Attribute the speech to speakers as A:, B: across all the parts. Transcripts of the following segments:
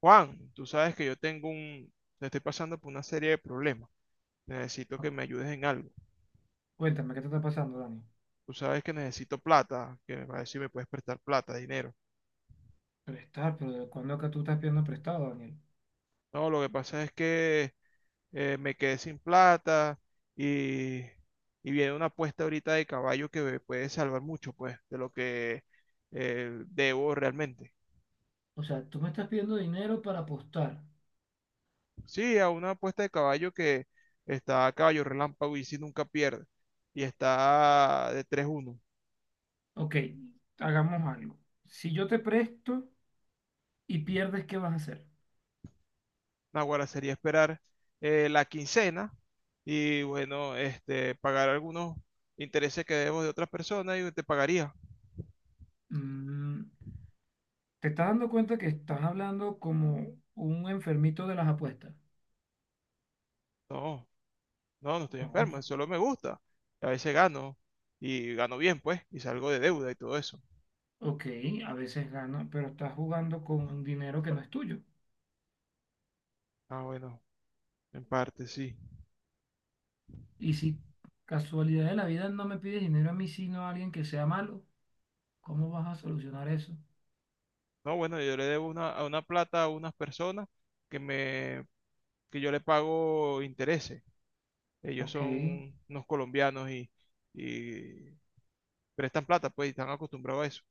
A: Juan, tú sabes que yo tengo estoy pasando por una serie de problemas. Necesito que me ayudes en algo.
B: Cuéntame, ¿qué te está pasando, Dani?
A: Tú sabes que necesito plata, que me parece si me puedes prestar plata, dinero.
B: Prestar, pero ¿de cuándo acá tú estás pidiendo prestado, Daniel?
A: No, lo que pasa es que me quedé sin plata y, y viene una apuesta ahorita de caballo que me puede salvar mucho, pues, de lo que debo realmente.
B: O sea, tú me estás pidiendo dinero para apostar.
A: Sí, a una apuesta de caballo que está a caballo relámpago y si nunca pierde. Y está de 3-1.
B: Ok, hagamos algo. Si yo te presto y pierdes, ¿qué vas a hacer?
A: Naguará sería esperar la quincena y bueno, este, pagar algunos intereses que debo de otras personas y te pagaría.
B: Mm, ¿Te estás dando cuenta que estás hablando como un enfermito de las apuestas?
A: No, no, no estoy
B: No,
A: enfermo, solo me gusta. A veces gano y gano bien, pues, y salgo de deuda y todo eso.
B: ok, a veces gana, pero estás jugando con un dinero que no es tuyo.
A: Ah, bueno, en parte sí.
B: Y si casualidad de la vida no me pides dinero a mí, sino a alguien que sea malo, ¿cómo vas a solucionar eso?
A: No, bueno, yo le debo a una plata a unas personas que me, que yo le pago intereses. Ellos
B: Ok.
A: son unos colombianos y prestan plata, pues, y están acostumbrados a eso.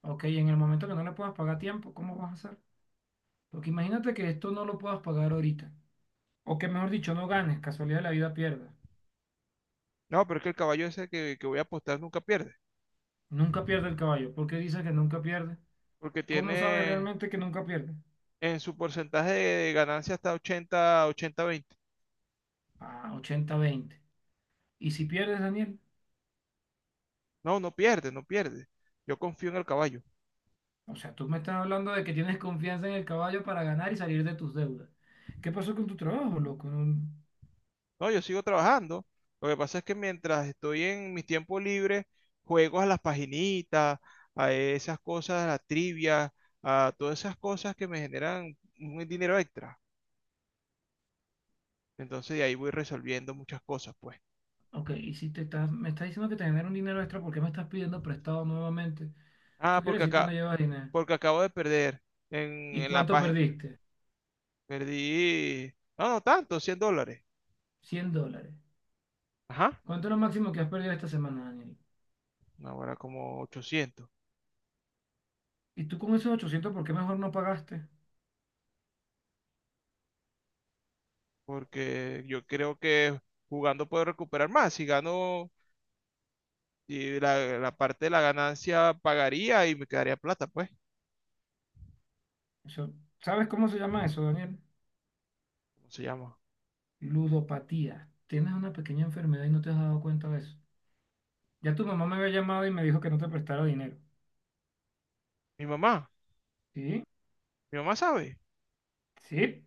B: Ok, en el momento que no le puedas pagar a tiempo, ¿cómo vas a hacer? Porque imagínate que esto no lo puedas pagar ahorita. O que mejor dicho, no ganes, casualidad de la vida pierda.
A: No, pero es que el caballo ese que voy a apostar nunca pierde,
B: Nunca pierde el caballo. ¿Por qué dices que nunca pierde?
A: porque
B: ¿Cómo sabes
A: tiene
B: realmente que nunca pierde?
A: en su porcentaje de ganancia hasta 80, 80-20.
B: Ah, 80-20. ¿Y si pierdes, Daniel?
A: No, no pierde, no pierde. Yo confío en el caballo.
B: O sea, tú me estás hablando de que tienes confianza en el caballo para ganar y salir de tus deudas. ¿Qué pasó con tu trabajo, loco? No-
A: No, yo sigo trabajando. Lo que pasa es que mientras estoy en mis tiempos libres, juego a las paginitas, a esas cosas, a la trivia, a todas esas cosas que me generan un dinero extra. Entonces de ahí voy resolviendo muchas cosas, pues.
B: Ok, y si te estás, me estás diciendo que te genera un dinero extra, ¿por qué me estás pidiendo prestado nuevamente?
A: Ah,
B: Eso quiere decir que no llevas dinero.
A: porque acabo de perder en,
B: ¿Y
A: en la,
B: cuánto
A: pa-
B: perdiste?
A: Perdí, no, no tanto, $100.
B: $100.
A: Ajá.
B: ¿Cuánto es lo máximo que has perdido esta semana, Daniel?
A: No, ahora como 800.
B: ¿Y tú con esos 800 por qué mejor no pagaste?
A: Porque yo creo que jugando puedo recuperar más. Si gano, y la parte de la ganancia pagaría y me quedaría plata, pues.
B: Eso, ¿sabes cómo se llama eso, Daniel?
A: ¿Cómo se llama?
B: Ludopatía. Tienes una pequeña enfermedad y no te has dado cuenta de eso. Ya tu mamá me había llamado y me dijo que no te prestara dinero.
A: Mi mamá.
B: ¿Sí?
A: Mi mamá sabe.
B: Sí.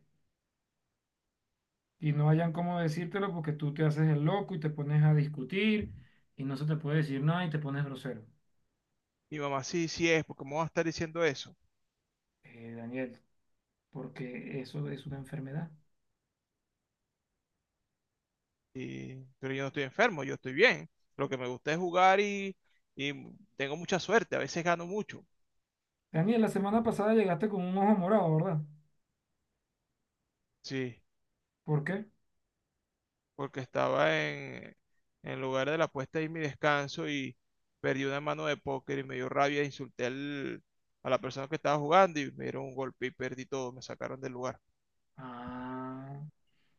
B: Y no hayan cómo decírtelo porque tú te haces el loco y te pones a discutir y no se te puede decir nada y te pones grosero.
A: Mi mamá sí, sí es, porque me va a estar diciendo eso.
B: Daniel, porque eso es una enfermedad.
A: Y, pero yo no estoy enfermo, yo estoy bien. Lo que me gusta es jugar y tengo mucha suerte. A veces gano mucho.
B: Daniel, la semana pasada llegaste con un ojo morado, ¿verdad?
A: Sí.
B: ¿Por qué?
A: Porque estaba en el lugar de la apuesta y mi descanso y perdí una mano de póker y me dio rabia, a la persona que estaba jugando y me dieron un golpe y perdí todo, me sacaron del lugar.
B: Ah,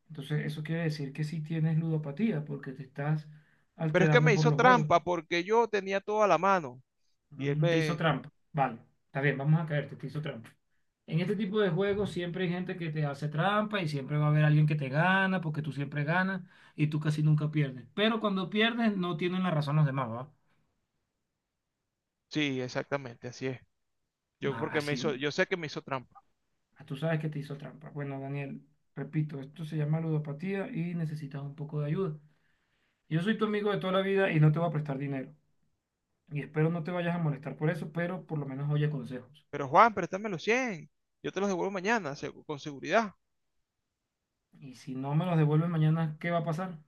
B: entonces eso quiere decir que sí tienes ludopatía porque te estás
A: Pero es que me
B: alterando por
A: hizo
B: los juegos.
A: trampa porque yo tenía toda la mano y él
B: Te hizo
A: me...
B: trampa. Vale, está bien, vamos a caerte, te hizo trampa. En este tipo de juegos siempre hay gente que te hace trampa y siempre va a haber alguien que te gana porque tú siempre ganas y tú casi nunca pierdes. Pero cuando pierdes no tienen la razón los demás, ¿va?
A: Sí, exactamente, así es. Yo
B: Ah,
A: porque me hizo,
B: así,
A: yo sé que me hizo trampa.
B: ah, tú sabes que te hizo trampa. Bueno, Daniel, repito, esto se llama ludopatía y necesitas un poco de ayuda. Yo soy tu amigo de toda la vida y no te voy a prestar dinero. Y espero no te vayas a molestar por eso, pero por lo menos oye consejos.
A: Pero Juan, préstame los cien. Yo te los devuelvo mañana, con seguridad.
B: Y si no me los devuelven mañana, ¿qué va a pasar?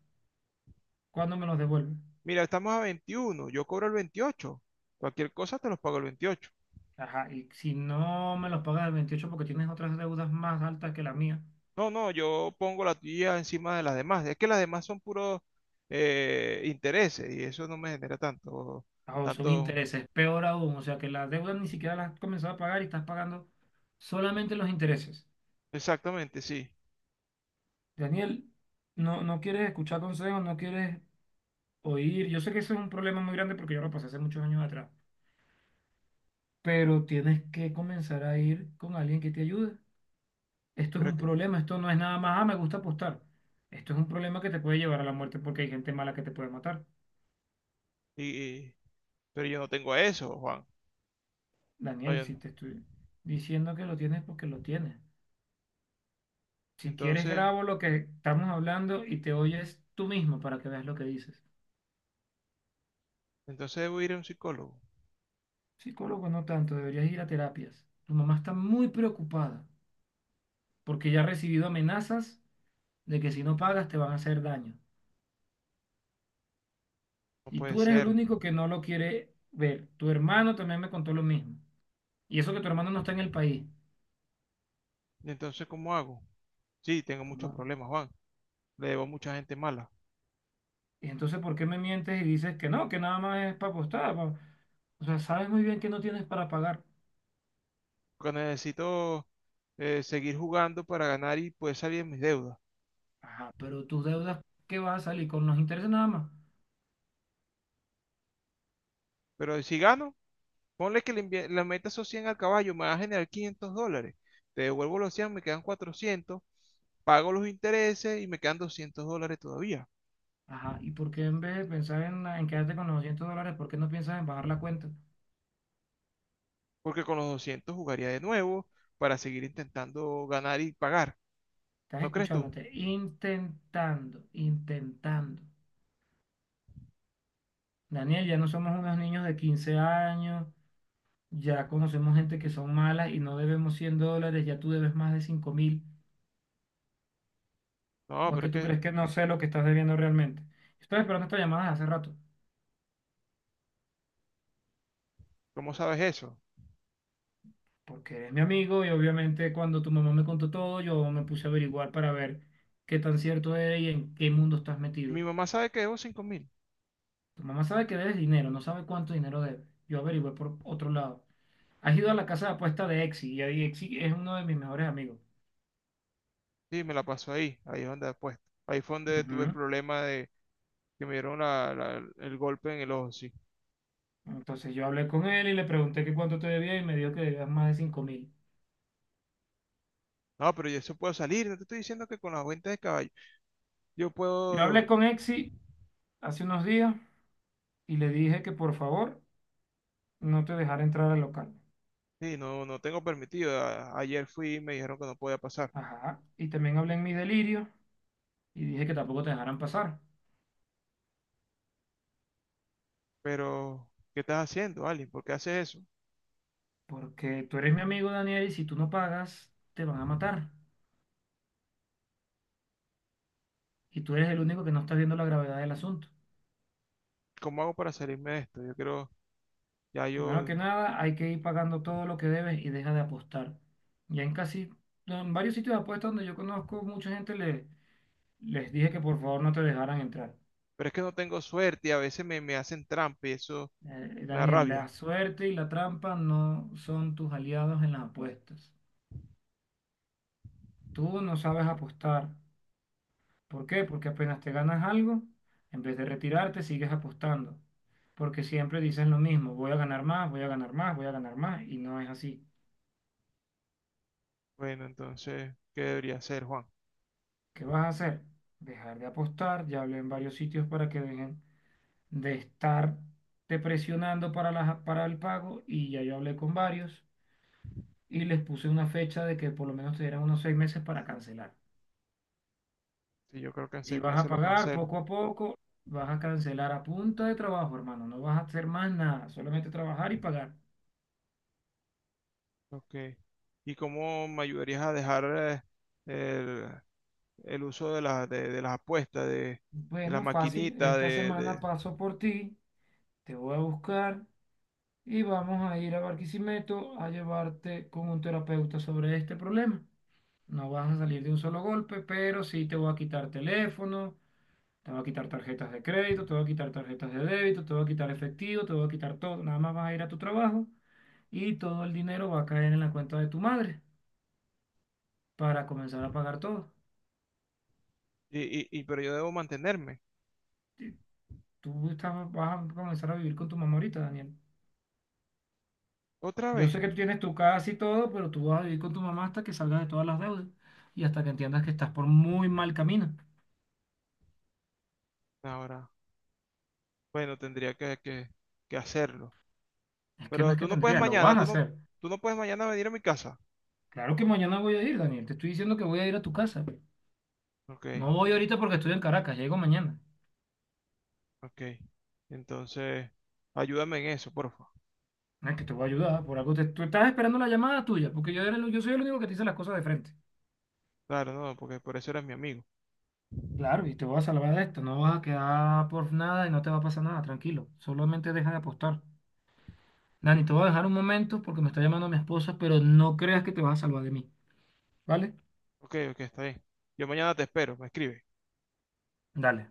B: ¿Cuándo me los devuelven?
A: Mira, estamos a 21, yo cobro el 28. Cualquier cosa te los pago el 28.
B: Ajá, y si no me los pagas el 28, porque tienes otras deudas más altas que la mía,
A: No, no, yo pongo la tuya encima de las demás. Es que las demás son puros intereses y eso no me genera tanto,
B: ah, o son
A: tanto,
B: intereses, peor aún, o sea que la deuda ni siquiera la has comenzado a pagar y estás pagando solamente los intereses.
A: exactamente, sí.
B: Daniel, no, no quieres escuchar consejos, no quieres oír. Yo sé que eso es un problema muy grande porque yo lo pasé hace muchos años atrás, pero tienes que comenzar a ir con alguien que te ayude. Esto es
A: Pero es
B: un
A: que,
B: problema, esto no es nada más, ah, me gusta apostar. Esto es un problema que te puede llevar a la muerte porque hay gente mala que te puede matar.
A: y, y- pero yo no tengo eso, Juan.
B: Daniel,
A: Oye, no.
B: si te estoy diciendo que lo tienes, porque lo tienes. Si quieres,
A: Entonces,
B: grabo lo que estamos hablando y te oyes tú mismo para que veas lo que dices.
A: entonces debo ir a un psicólogo.
B: Psicólogo, no tanto, deberías ir a terapias. Tu mamá está muy preocupada porque ya ha recibido amenazas de que si no pagas te van a hacer daño.
A: No
B: Y
A: puede
B: tú eres el
A: ser.
B: único que no lo quiere ver. Tu hermano también me contó lo mismo. Y eso que tu hermano no está en el país.
A: ¿Y entonces cómo hago? Sí, tengo muchos
B: ¿Cómo?
A: problemas, Juan. Le debo a mucha gente mala.
B: Y entonces, ¿por qué me mientes y dices que no, que nada más es para apostar? Pa- o sea, sabes muy bien que no tienes para pagar.
A: Porque necesito seguir jugando para ganar y poder salir de mis deudas.
B: Ajá, pero tus deudas, ¿qué vas a salir? Con los intereses nada más.
A: Pero si gano, ponle que le metas esos 100 al caballo, me va a generar 500 dólares. Te devuelvo los 100, me quedan 400, pago los intereses y me quedan 200 dólares todavía.
B: Ajá, ¿y por qué en vez de pensar en quedarte con los $200, por qué no piensas en bajar la cuenta?
A: Porque con los 200 jugaría de nuevo para seguir intentando ganar y pagar.
B: Estás
A: ¿No crees tú?
B: escuchándote, intentando, intentando. Daniel, ya no somos unos niños de 15 años, ya conocemos gente que son malas y no debemos $100, ya tú debes más de 5.000.
A: No,
B: ¿O es
A: pero
B: que
A: es
B: tú
A: que,
B: crees que no sé lo que estás debiendo realmente? Estoy esperando esta llamada desde hace rato.
A: ¿cómo sabes eso?
B: Porque eres mi amigo y obviamente cuando tu mamá me contó todo, yo me puse a averiguar para ver qué tan cierto es y en qué mundo estás
A: Y mi
B: metido.
A: mamá sabe que debo 5 mil.
B: Tu mamá sabe que debes dinero, no sabe cuánto dinero debes. Yo averigüé por otro lado. Has ido a la casa de apuesta de Exi y ahí Exi es uno de mis mejores amigos.
A: Sí, me la pasó ahí, ahí es donde después. Ahí fue donde tuve el
B: Ujú.
A: problema de que me dieron el golpe en el ojo, sí.
B: Entonces yo hablé con él y le pregunté que cuánto te debía y me dijo que debías más de 5.000.
A: No, pero yo eso puedo salir, no te estoy diciendo que con la cuenta de caballo yo
B: Yo hablé
A: puedo.
B: con Exi hace unos días y le dije que por favor no te dejara entrar al local.
A: Sí, no, no tengo permitido. Ayer fui y me dijeron que no podía pasar.
B: Ajá. Y también hablé en mi delirio y dije que tampoco te dejaran pasar.
A: Pero, ¿qué estás haciendo, Ali? ¿Por qué haces eso?
B: Porque tú eres mi amigo, Daniel, y si tú no pagas, te van a matar. Y tú eres el único que no está viendo la gravedad del asunto.
A: ¿Cómo hago para salirme de esto? Yo creo, ya
B: Primero
A: yo...
B: que nada, hay que ir pagando todo lo que debes y deja de apostar. Ya en casi, en varios sitios de apuestas donde yo conozco mucha gente, les dije que por favor no te dejaran entrar.
A: Pero es que no tengo suerte y a me hacen trampa y eso me da
B: Daniel, la
A: rabia.
B: suerte y la trampa no son tus aliados en las apuestas. Tú no sabes apostar. ¿Por qué? Porque apenas te ganas algo, en vez de retirarte, sigues apostando. Porque siempre dices lo mismo, voy a ganar más, voy a ganar más, voy a ganar más, y no es así.
A: Bueno, entonces, ¿qué debería hacer, Juan?
B: ¿Qué vas a hacer? Dejar de apostar, ya hablé en varios sitios para que dejen de estar te presionando para, para el pago, y ya yo hablé con varios, y les puse una fecha de que por lo menos te dieran unos 6 meses para cancelar.
A: Sí, yo creo que en
B: Si
A: seis
B: vas a
A: meses lo
B: pagar
A: cancelo.
B: poco a poco, vas a cancelar a punta de trabajo, hermano, no vas a hacer más nada, solamente trabajar y pagar.
A: Ok. ¿Y cómo me ayudarías a dejar eh, el uso de las apuestas, de las
B: Bueno, fácil.
A: maquinitas,
B: Esta semana paso por ti, te voy a buscar y vamos a ir a Barquisimeto a llevarte con un terapeuta sobre este problema. No vas a salir de un solo golpe, pero sí te voy a quitar teléfono, te voy a quitar tarjetas de crédito, te voy a quitar tarjetas de débito, te voy a quitar efectivo, te voy a quitar todo. Nada más vas a ir a tu trabajo y todo el dinero va a caer en la cuenta de tu madre para comenzar a pagar todo.
A: pero yo debo mantenerme.
B: Tú estás- vas a comenzar a vivir con tu mamá ahorita, Daniel.
A: ¿Otra
B: Yo
A: vez?
B: sé que tú tienes tu casa y todo, pero tú vas a vivir con tu mamá hasta que salgas de todas las deudas y hasta que entiendas que estás por muy mal camino.
A: Ahora, bueno, que hacerlo.
B: Es que no
A: Pero
B: es que
A: tú no puedes
B: tendría, lo
A: mañana,
B: vas a hacer.
A: tú no puedes mañana venir a mi casa.
B: Claro que mañana voy a ir, Daniel. Te estoy diciendo que voy a ir a tu casa.
A: Ok,
B: No voy ahorita porque estoy en Caracas, llego mañana.
A: ok. Entonces, ayúdame en eso, por favor.
B: No es que te voy a ayudar, por algo tú estás esperando la llamada tuya, porque yo, yo soy el único que te dice las cosas de frente.
A: Claro, no, porque por eso eres mi amigo.
B: Claro, y te voy a salvar de esto, no vas a quedar por nada y no te va a pasar nada, tranquilo. Solamente deja de apostar. Dani, te voy a dejar un momento porque me está llamando mi esposa, pero no creas que te vas a salvar de mí, ¿vale?
A: Ok, ok, está bien. Yo mañana te espero, me escribes.
B: Dale.